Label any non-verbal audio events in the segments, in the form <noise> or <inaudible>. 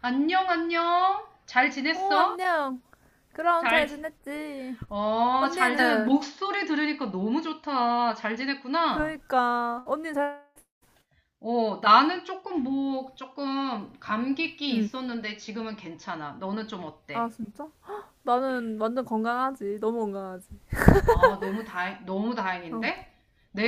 안녕, 안녕. 잘 어, 지냈어? 안녕. 그럼 잘, 잘 지- 지냈지? 잘 지내. 언니는? 목소리 들으니까 너무 좋다. 잘 지냈구나. 그러니까 언니 잘. 나는 조금 뭐, 조금 감기기 응. 있었는데 지금은 괜찮아. 너는 좀 아, 어때? 진짜? 나는 완전 건강하지. 너무 건강하지. 아, 너무 다행, 너무 어. 다행인데?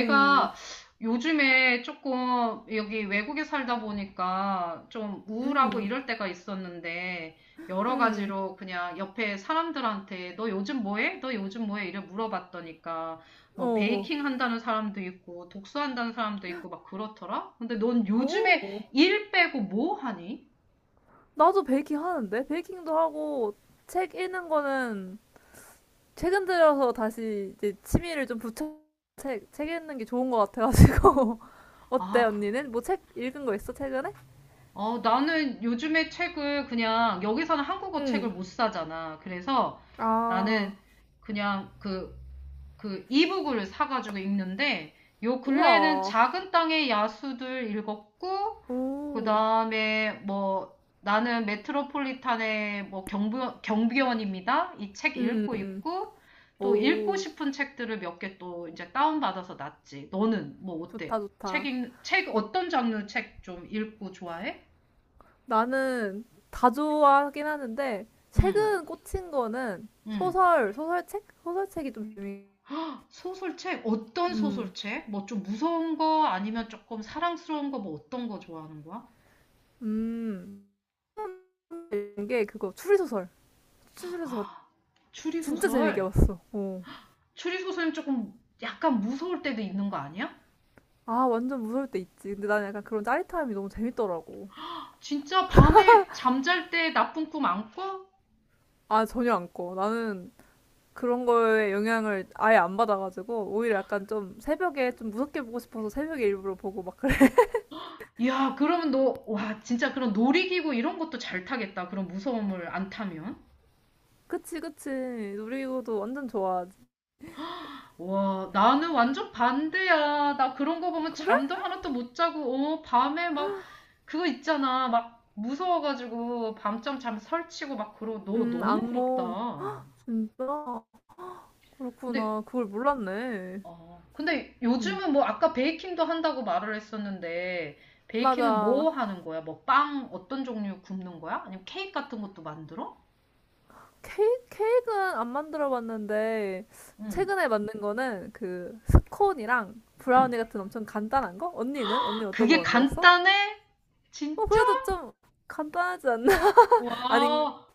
음. 요즘에 조금 여기 외국에 살다 보니까 좀 우울하고 음. 이럴 때가 있었는데, 여러 음. 가지로 그냥 옆에 사람들한테 너 요즘 뭐 해? 너 요즘 뭐 해? 이래 물어봤더니까, 어. 뭐 어. 베이킹 한다는 사람도 있고, 독서한다는 사람도 있고, 막 그렇더라? 근데 넌 오. 요즘에 일 빼고 뭐 하니? 나도 베이킹 하는데. 베이킹도 하고 책 읽는 거는 최근 들어서 다시 이제 취미를 좀 붙여 책 읽는 게 좋은 것 같아가지고. <laughs> 어때, 아, 언니는? 뭐 책 읽은 거 있어, 최근에? 나는 요즘에 책을 그냥 여기서는 한국어 책을 응. 못 사잖아. 그래서 아. 나는 그냥 그 이북을 사가지고 읽는데 요 근래에는 우와. 작은 땅의 야수들 읽었고 그 오. 다음에 뭐 나는 메트로폴리탄의 뭐 경비원입니다. 이 책 읽고 음, 있고 또 읽고 오, 싶은 책들을 몇 개 또 이제 다운받아서 놨지. 너는 뭐 좋다, 어때? 좋다. 책 어떤 장르 책 좀 읽고 좋아해? 나는 다 좋아하긴 하는데, 음, 최근 꽂힌 거는 음. 소설책? 소설책이 좀 재미. 소설책? 어떤 음, 소설책? 뭐 좀 무서운 거 아니면 조금 사랑스러운 거 뭐 어떤 거 좋아하는 거야? 음, 이게 그거, 추리소설. 추리소설 아, 진짜 재밌게 추리소설? 봤어. 어. 추리소설은 조금 약간 무서울 때도 있는 거 아니야? 아, 완전 무서울 때 있지. 근데 나는 약간 그런 짜릿함이 너무 재밌더라고. 진짜 밤에 잠잘 때 나쁜 꿈 안 꿔? 아, 전혀 안 꺼. 나는 그런 거에 영향을 아예 안 받아가지고, 오히려 약간 좀 새벽에 좀 무섭게 보고 싶어서 새벽에 일부러 보고 막. 이 야, 그러면 너, 와, 진짜 그런 놀이기구 이런 것도 잘 타겠다. 그런 무서움을 안 타면. 그치, 그치. 놀이기구도 완전 좋아하지. 와, 나는 완전 반대야. 나 그런 거 보면 그래? 잠도 하나도 못 자고, 어, 밤에 막, 그거 있잖아. 막, 무서워가지고, 밤잠 잠 설치고 막 그러고, 너 너무 악몽. 부럽다. 진짜? 근데, 그렇구나. 그걸 몰랐네. 어, 근데 음. 요즘은 뭐, 아까 베이킹도 한다고 말을 했었는데, 베이킹은 맞아. 뭐 하는 거야? 뭐, 빵 어떤 종류 굽는 거야? 아니면 케이크 같은 것도 만들어? 케이크는 안 만들어 봤는데, 응, 최근에 만든 거는 그 스콘이랑 응. 브라우니 같은 엄청 간단한 거? 언니는? 언니 어떤 거 그게 만들었어? 간단해? 어, 진짜? 그래도 좀 간단하지 않나? <laughs> 아닌. 와,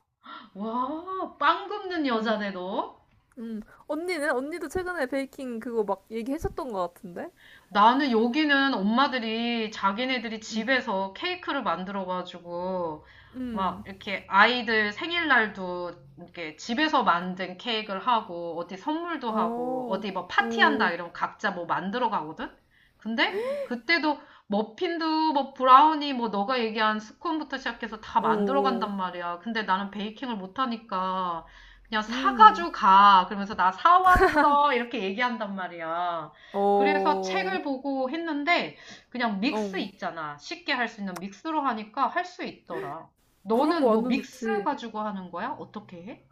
와, 빵 굽는 음, 여자네, 너. 음. 언니는? 언니도 최근에 베이킹 그거 막 얘기했었던 것 같은데? 나는 여기는 엄마들이 자기네들이 음, 집에서 케이크를 만들어가지고 막 음. 이렇게 아이들 생일날도 이렇게 집에서 만든 케이크를 하고 어디 선물도 하고 어, 어디 뭐 파티한다 어. 이러면 각자 뭐 만들어 가거든? 근데 그때도 머핀도 뭐 브라우니 뭐 너가 얘기한 스콘부터 시작해서 다 만들어 어어. 간단 말이야. 근데 나는 베이킹을 못하니까 그냥 음. 사가지고 가. 그러면서 나 사왔어. 이렇게 얘기한단 말이야. 그래서 어. 책을 보고 했는데 그냥 믹스 어. 있잖아. 쉽게 할 수 있는 믹스로 하니까 할 수 있더라. 그런 거 너는 뭐 완전 믹스 좋지. 가지고 하는 거야? 어떻게 해?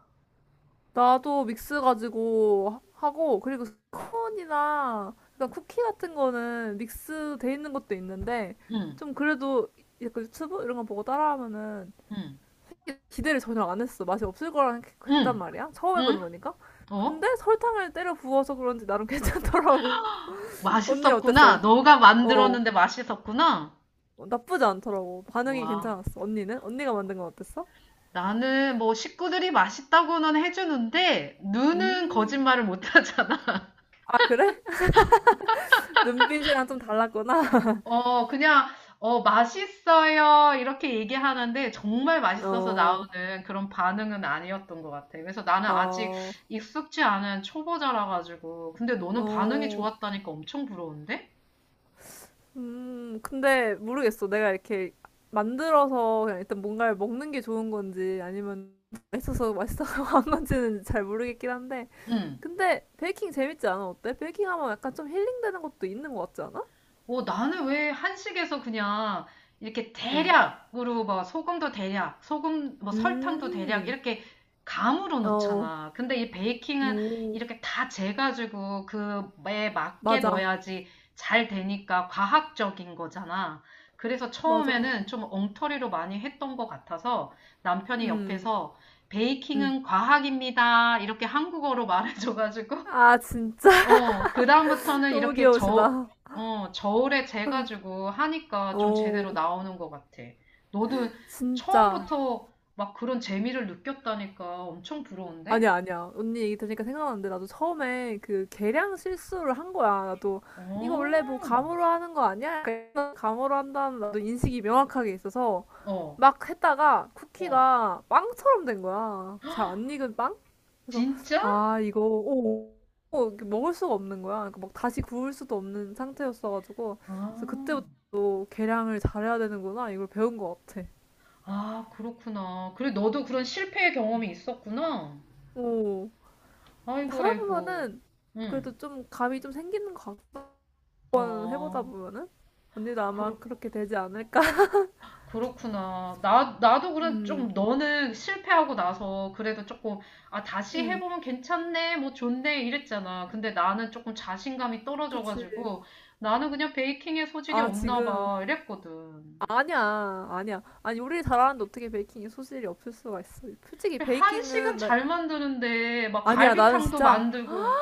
나도 믹스 가지고 하고, 그리고 스콘이나 그러니까 쿠키 같은 거는 믹스 돼 있는 것도 있는데 응, 좀 그래도 약간 유튜브 이런 거 보고 따라하면은 응, 기대를 전혀 안 했어. 맛이 없을 했단 응, 말이야. 처음 응? 해보는 거니까. 근데 어? 설탕을 때려 부어서 그런지 나름 <laughs> 괜찮더라고. 언니 맛있었구나. 어땠어? 너가 어. 만들었는데 맛있었구나. 나쁘지 않더라고. 반응이 와. 괜찮았어. 언니는? 언니가 만든 건 어땠어? 나는 뭐 식구들이 맛있다고는 해주는데 눈은 음. 거짓말을 못 하잖아. 아, 그래? 눈빛이랑 좀 달랐구나. <laughs> 어, 그냥, 어, 맛있어요. 이렇게 얘기하는데 정말 맛있어서 어, 나오는 그런 반응은 아니었던 것 같아. 그래서 나는 아직 어, 익숙지 않은 초보자라 가지고. 근데 너는 반응이 어, 좋았다니까 엄청 부러운데? 근데 모르겠어. 내가 이렇게 만들어서 그냥 일단 뭔가를 먹는 게 좋은 건지, 아니면 맛있어서 <laughs> 한 건지는 잘 모르겠긴 한데. 응. 근데 베이킹 재밌지 않아? 어때? 베이킹 하면 약간 좀 힐링되는 것도 있는 것 같지 않아? 나는 왜 한식에서 그냥 이렇게 음, 대략으로 막 소금도 대략, 소금, 뭐 설탕도 대략 음, 이렇게 감으로 어, 어. 넣잖아. 근데 이 베이킹은 오, 이렇게 다 재가지고 그에 맞게 맞아, 넣어야지 잘 되니까 과학적인 거잖아. 그래서 맞아. 처음에는 좀 엉터리로 많이 했던 것 같아서 남편이 음, 옆에서 음. 베이킹은 과학입니다. 이렇게 한국어로 <laughs> 말해줘가지고 아, 진짜. <laughs> 그다음부터는 너무 이렇게 귀여우시다. 저울에 재가지고 하니까 좀 제대로 오, 나오는 것 같아. 너도 진짜. 처음부터 막 그런 재미를 느꼈다니까 엄청 부러운데? 아니야, 아니야. 언니 얘기 들으니까 생각났는데, 나도 처음에 그 계량 실수를 한 거야. 나도, 이거 어, 원래 뭐 감으로 하는 거 아니야? 약간 감으로 한다는 나도 인식이 명확하게 있어서, 어, 막 했다가 어. 쿠키가 빵처럼 된 거야. 잘 안 익은 빵? 그래서, 진짜? 아, 이거, 오, 오, 이렇게 먹을 수가 없는 거야. 그러니까 막 다시 구울 수도 없는 상태였어가지고, 그래서 아, 그때부터 또 계량을 잘해야 되는구나. 이걸 배운 것 같아. 아, 그렇구나. 그래, 너도 그런 실패의 경험이 있었구나. 오. 근데 아이고, 하다 아이고. 보면은, 응, 그래도 좀 감이 좀 생기는 것 같아. 한번 해보다 어, 보면은 언니도 아마 그 그렇게 되지 않을까? <laughs> 그렇구나. 나도 그래, 음, 좀 너는 실패하고 나서 그래도 조금, 아, 다시 음, 해보면 괜찮네, 뭐 좋네, 이랬잖아. 근데 나는 조금 자신감이 그치. 떨어져가지고, 나는 그냥 베이킹에 소질이 아, 없나 지금. 봐, 이랬거든. 아니야, 아니야. 아니, 요리를 잘하는데 어떻게 베이킹에 소질이 없을 수가 있어. 솔직히 그래, 한식은 베이킹은, 나, 잘 만드는데, 막 아니야, 나는 갈비탕도 진짜, 만들고,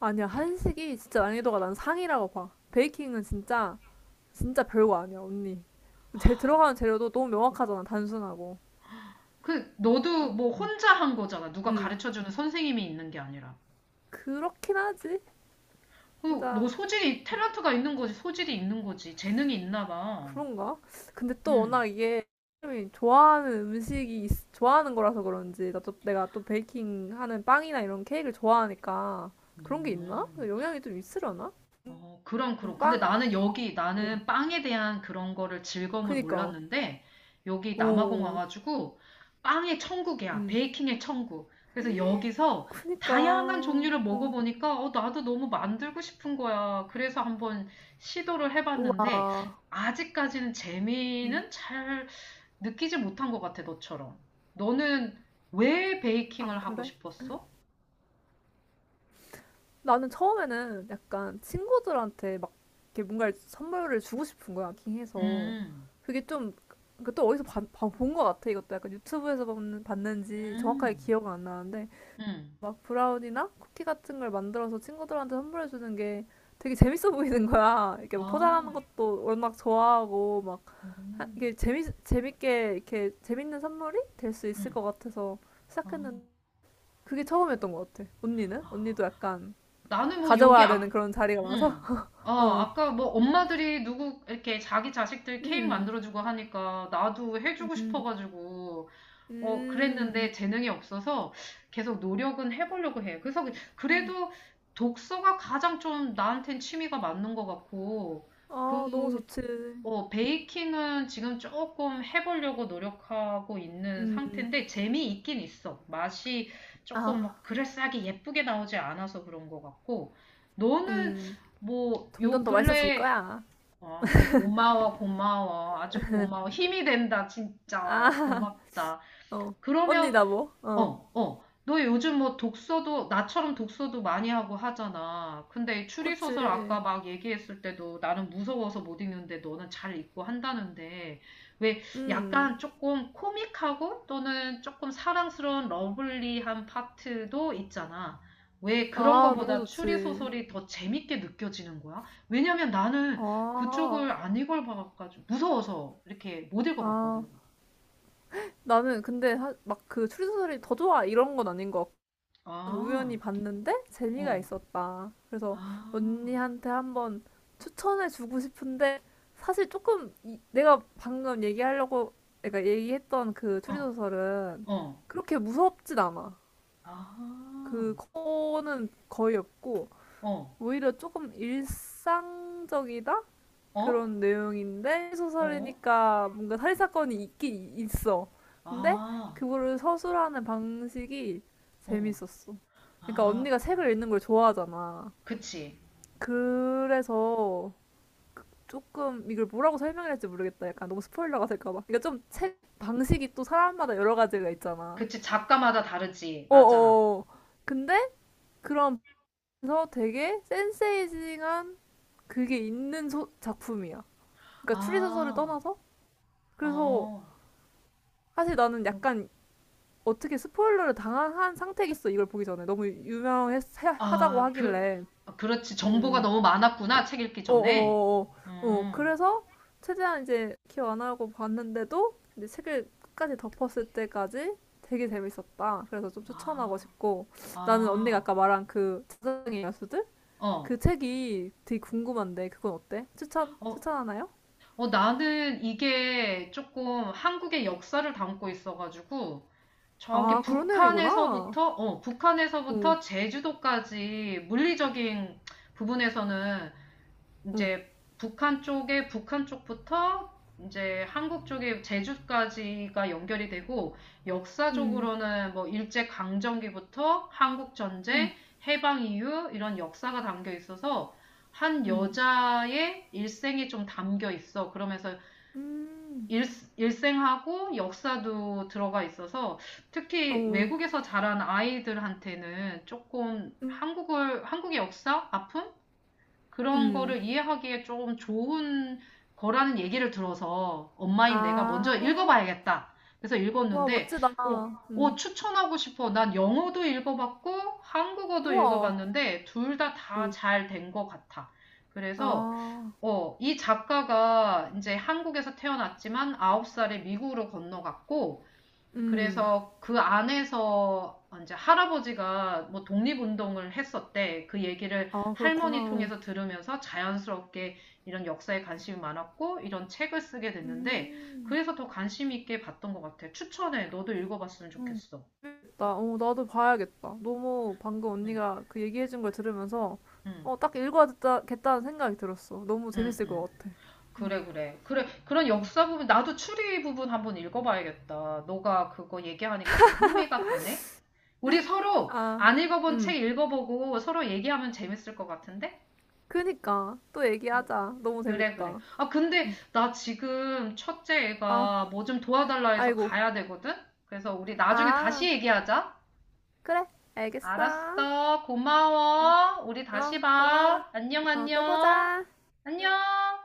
아니야, 한식이 진짜 난이도가 난 상이라고 봐. 베이킹은 진짜, 진짜 별거 아니야, 언니. 제 들어가는 재료도 너무 명확하잖아, 단순하고. 너도 뭐 혼자 한 거잖아. 누가 음, 가르쳐주는 선생님이 있는 게 아니라. 그렇긴 하지. 너 진짜, 소질이, 탤런트가 있는 거지, 소질이 있는 거지. 재능이 있나 봐. 그런가? 근데 또 응. 워낙 이게 사람이 좋아하는 음식이 좋아하는 거라서 그런지, 나 또, 내가 또 베이킹 하는 빵이나 이런 케이크를 좋아하니까 그런 게 있나? 음. 영향이 좀 있으려나? 어, 그럼, 그럼. 근데 빵. 나는 나는 빵에 대한 그런 거를 즐거움을 그니까. 몰랐는데, 여기 남아공 오, 와가지고, 빵의 천국이야. 음. 베이킹의 천국. 그래서 여기서 그니까. 다양한 종류를 어. 먹어보니까, 나도 너무 만들고 싶은 거야. 그래서 한번 시도를 해봤는데, 우와. 아직까지는 음. 재미는 잘 느끼지 못한 것 같아, 너처럼. 너는 왜 아 베이킹을 하고 그래? 싶었어? 나는 처음에는 약간 친구들한테 막 이렇게 뭔가 선물을 주고 싶은 거야, 킹해서. 음, 그게 좀, 그또 어디서 본거 같아, 이것도. 약간 유튜브에서 봤는지 정확하게 음, 기억은 안 나는데, 음. 막 브라운이나 쿠키 같은 걸 만들어서 친구들한테 선물해주는 게 되게 재밌어 보이는 거야. 이렇게 막 아, 포장하는 것도 워낙 좋아하고, 막, 음. 이게 재밌게, 이렇게 재밌는 선물이 될 수 있을 응. 것 같아서 아, 시작했는데, 그게 처음이었던 것 같아. 언니는? 아. 언니도 약간 나는 뭐 여기 가져와야 아, 되는 그런 자리가 많아서. 응. <laughs> 어. 아까 뭐 엄마들이 누구 이렇게 자기 자식들 케이크 음, 만들어주고 하니까 나도 해주고 음, 싶어가지고 음. 그랬는데 재능이 없어서 계속 노력은 해보려고 해. 그래서 그래도 독서가 가장 좀 나한텐 취미가 맞는 것 같고 그 어. 아, 너무 좋지. 베이킹은 지금 조금 해보려고 노력하고 있는 음. 상태인데 재미있긴 있어. 맛이 조금 아, 막 그럴싸하게 예쁘게 나오지 않아서 그런 것 같고 너는 음. 뭐 점점 요 더 맛있어질 근래 거야. 어, 고마워 고마워 아주 고마워 힘이 된다 진짜 아. 고맙다. <laughs> 어. 언니 그러면 나 뭐? 어. 어, 어. 너 요즘 뭐 독서도, 나처럼 독서도 많이 하고 하잖아. 근데 이 그치. 추리소설 아까 막 얘기했을 때도 나는 무서워서 못 읽는데 너는 잘 읽고 한다는데, 왜 음. 약간 조금 코믹하고 또는 조금 사랑스러운 러블리한 파트도 있잖아. 왜 그런 아, 너무 거보다 좋지. 추리소설이 더 재밌게 느껴지는 거야? 왜냐면 나는 아. 그쪽을 안 읽어봐가지고, 무서워서 이렇게 못 읽어봤거든. 아. 나는 근데 막 그 추리소설이 더 좋아 이런 건 아닌 것. 우연히 아, 봤는데 재미가 어, 있었다. 그래서 아. 언니한테 한번 추천해 주고 싶은데, 사실 조금 내가 방금 얘기하려고, 내가 얘기했던 그 어. 추리소설은 어. 그렇게 무섭진 않아. 아. 그거는 거의 없고 어. 오히려 조금 일상적이다? 어? 그런 내용인데 어? 소설이니까 뭔가 살인 사건이 있긴 있어. 근데 아. 그거를 서술하는 방식이 어. 재밌었어. 그러니까 아. 언니가 책을 읽는 걸 좋아하잖아. 그치. 그래서 조금 이걸 뭐라고 설명을 할지 모르겠다. 약간 너무 스포일러가 될까봐. 그러니까 좀 어, 책 방식이 또 사람마다 여러 가지가 있잖아. 그치. 작가마다 다르지. 맞아. 어어. 근데 그런, 그래서 되게 센세이징한 그게 있는 작품이야. 그러니까 추리 소설을 아. 떠나서, 그래서 어. 사실 나는 약간 어떻게 스포일러를 당한 상태겠어, 이걸 보기 전에 너무 유명하다고 아, 하길래. 그렇지. 정보가 음. 너무 많았구나. 책 읽기 전에. 어어어어, 어, 어, 어. 어, 음. 그래서 최대한 이제 기억 안 하고 봤는데도, 이제 책을 끝까지 덮었을 때까지 되게 재밌었다. 그래서 좀 추천하고 아. 싶고, 나는 언니가 아. 아까 말한 그 자장의 야수들, 그 어. 책이 되게 궁금한데 그건 어때? 어, 추천하나요? 어, 나는 이게 조금 한국의 역사를 담고 있어가지고, 저기 아, 그런 내용이구나. 북한에서부터, 어, 오. 북한에서부터 제주도까지 물리적인 부분에서는 오. 이제 북한 쪽부터 이제 한국 쪽에 제주까지가 연결이 되고 음, 역사적으로는 뭐 일제 강점기부터 한국 음, 전쟁, 해방 이후 이런 역사가 담겨 있어서 한 음, 여자의 일생이 좀 담겨 있어. 그러면서 음, 일, 일생하고 역사도 들어가 있어서 특히 어, 외국에서 자란 아이들한테는 조금 음. 한국의 역사, 아픔? 그런 음. 거를 이해하기에 조금 좋은 거라는 얘기를 들어서 엄마인 내가 먼저 아. 읽어봐야겠다. 그래서 와, 읽었는데, 멋지다. 어, 어, 음. 추천하고 싶어. 난 영어도 읽어봤고, 한국어도 우와. 읽어봤는데, 둘 다 다 음. 잘 된 것 같아. 그래서 아. 이 작가가 이제 한국에서 태어났지만 9살에 미국으로 건너갔고, 음. 그래서 그 안에서 이제 할아버지가 뭐 독립운동을 했었대. 그 얘기를 아, 그렇구나. 할머니 어. 통해서 들으면서 자연스럽게 이런 역사에 관심이 많았고, 이런 책을 쓰게 됐는데, 음. 그래서 더 관심 있게 봤던 것 같아. 추천해. 너도 읽어봤으면 어. 좋겠어. 나, 어, 나도 봐야겠다. 너무 방금 응, 언니가 그 얘기해준 걸 들으면서 응, 어, 딱 읽어야겠다는 생각이 들었어. 너무 응, 재밌을 응. 것 같아. 음. 그래, 그래. 그래, 그런 음. 역사 부분, 나도 추리 부분 한번 읽어봐야겠다. 너가 그거 얘기하니까 좀 흥미가 가네? 우리 서로 아. 안 읽어본 음. 책 읽어보고 서로 얘기하면 재밌을 것 같은데? 그니까 또 얘기하자. 너무 그래, 그래. 재밌다. 아, 근데 음. 나 지금 첫째 아, 애가 뭐 좀 도와달라 해서 아이고. 가야 되거든? 그래서 우리 나중에 아, 다시 얘기하자. 그래. 알겠어. 알았어. 음. 고마워. 우리 어, 다시 고마워. 봐. 안녕, 어, 또 안녕. 보자. 응. 안녕.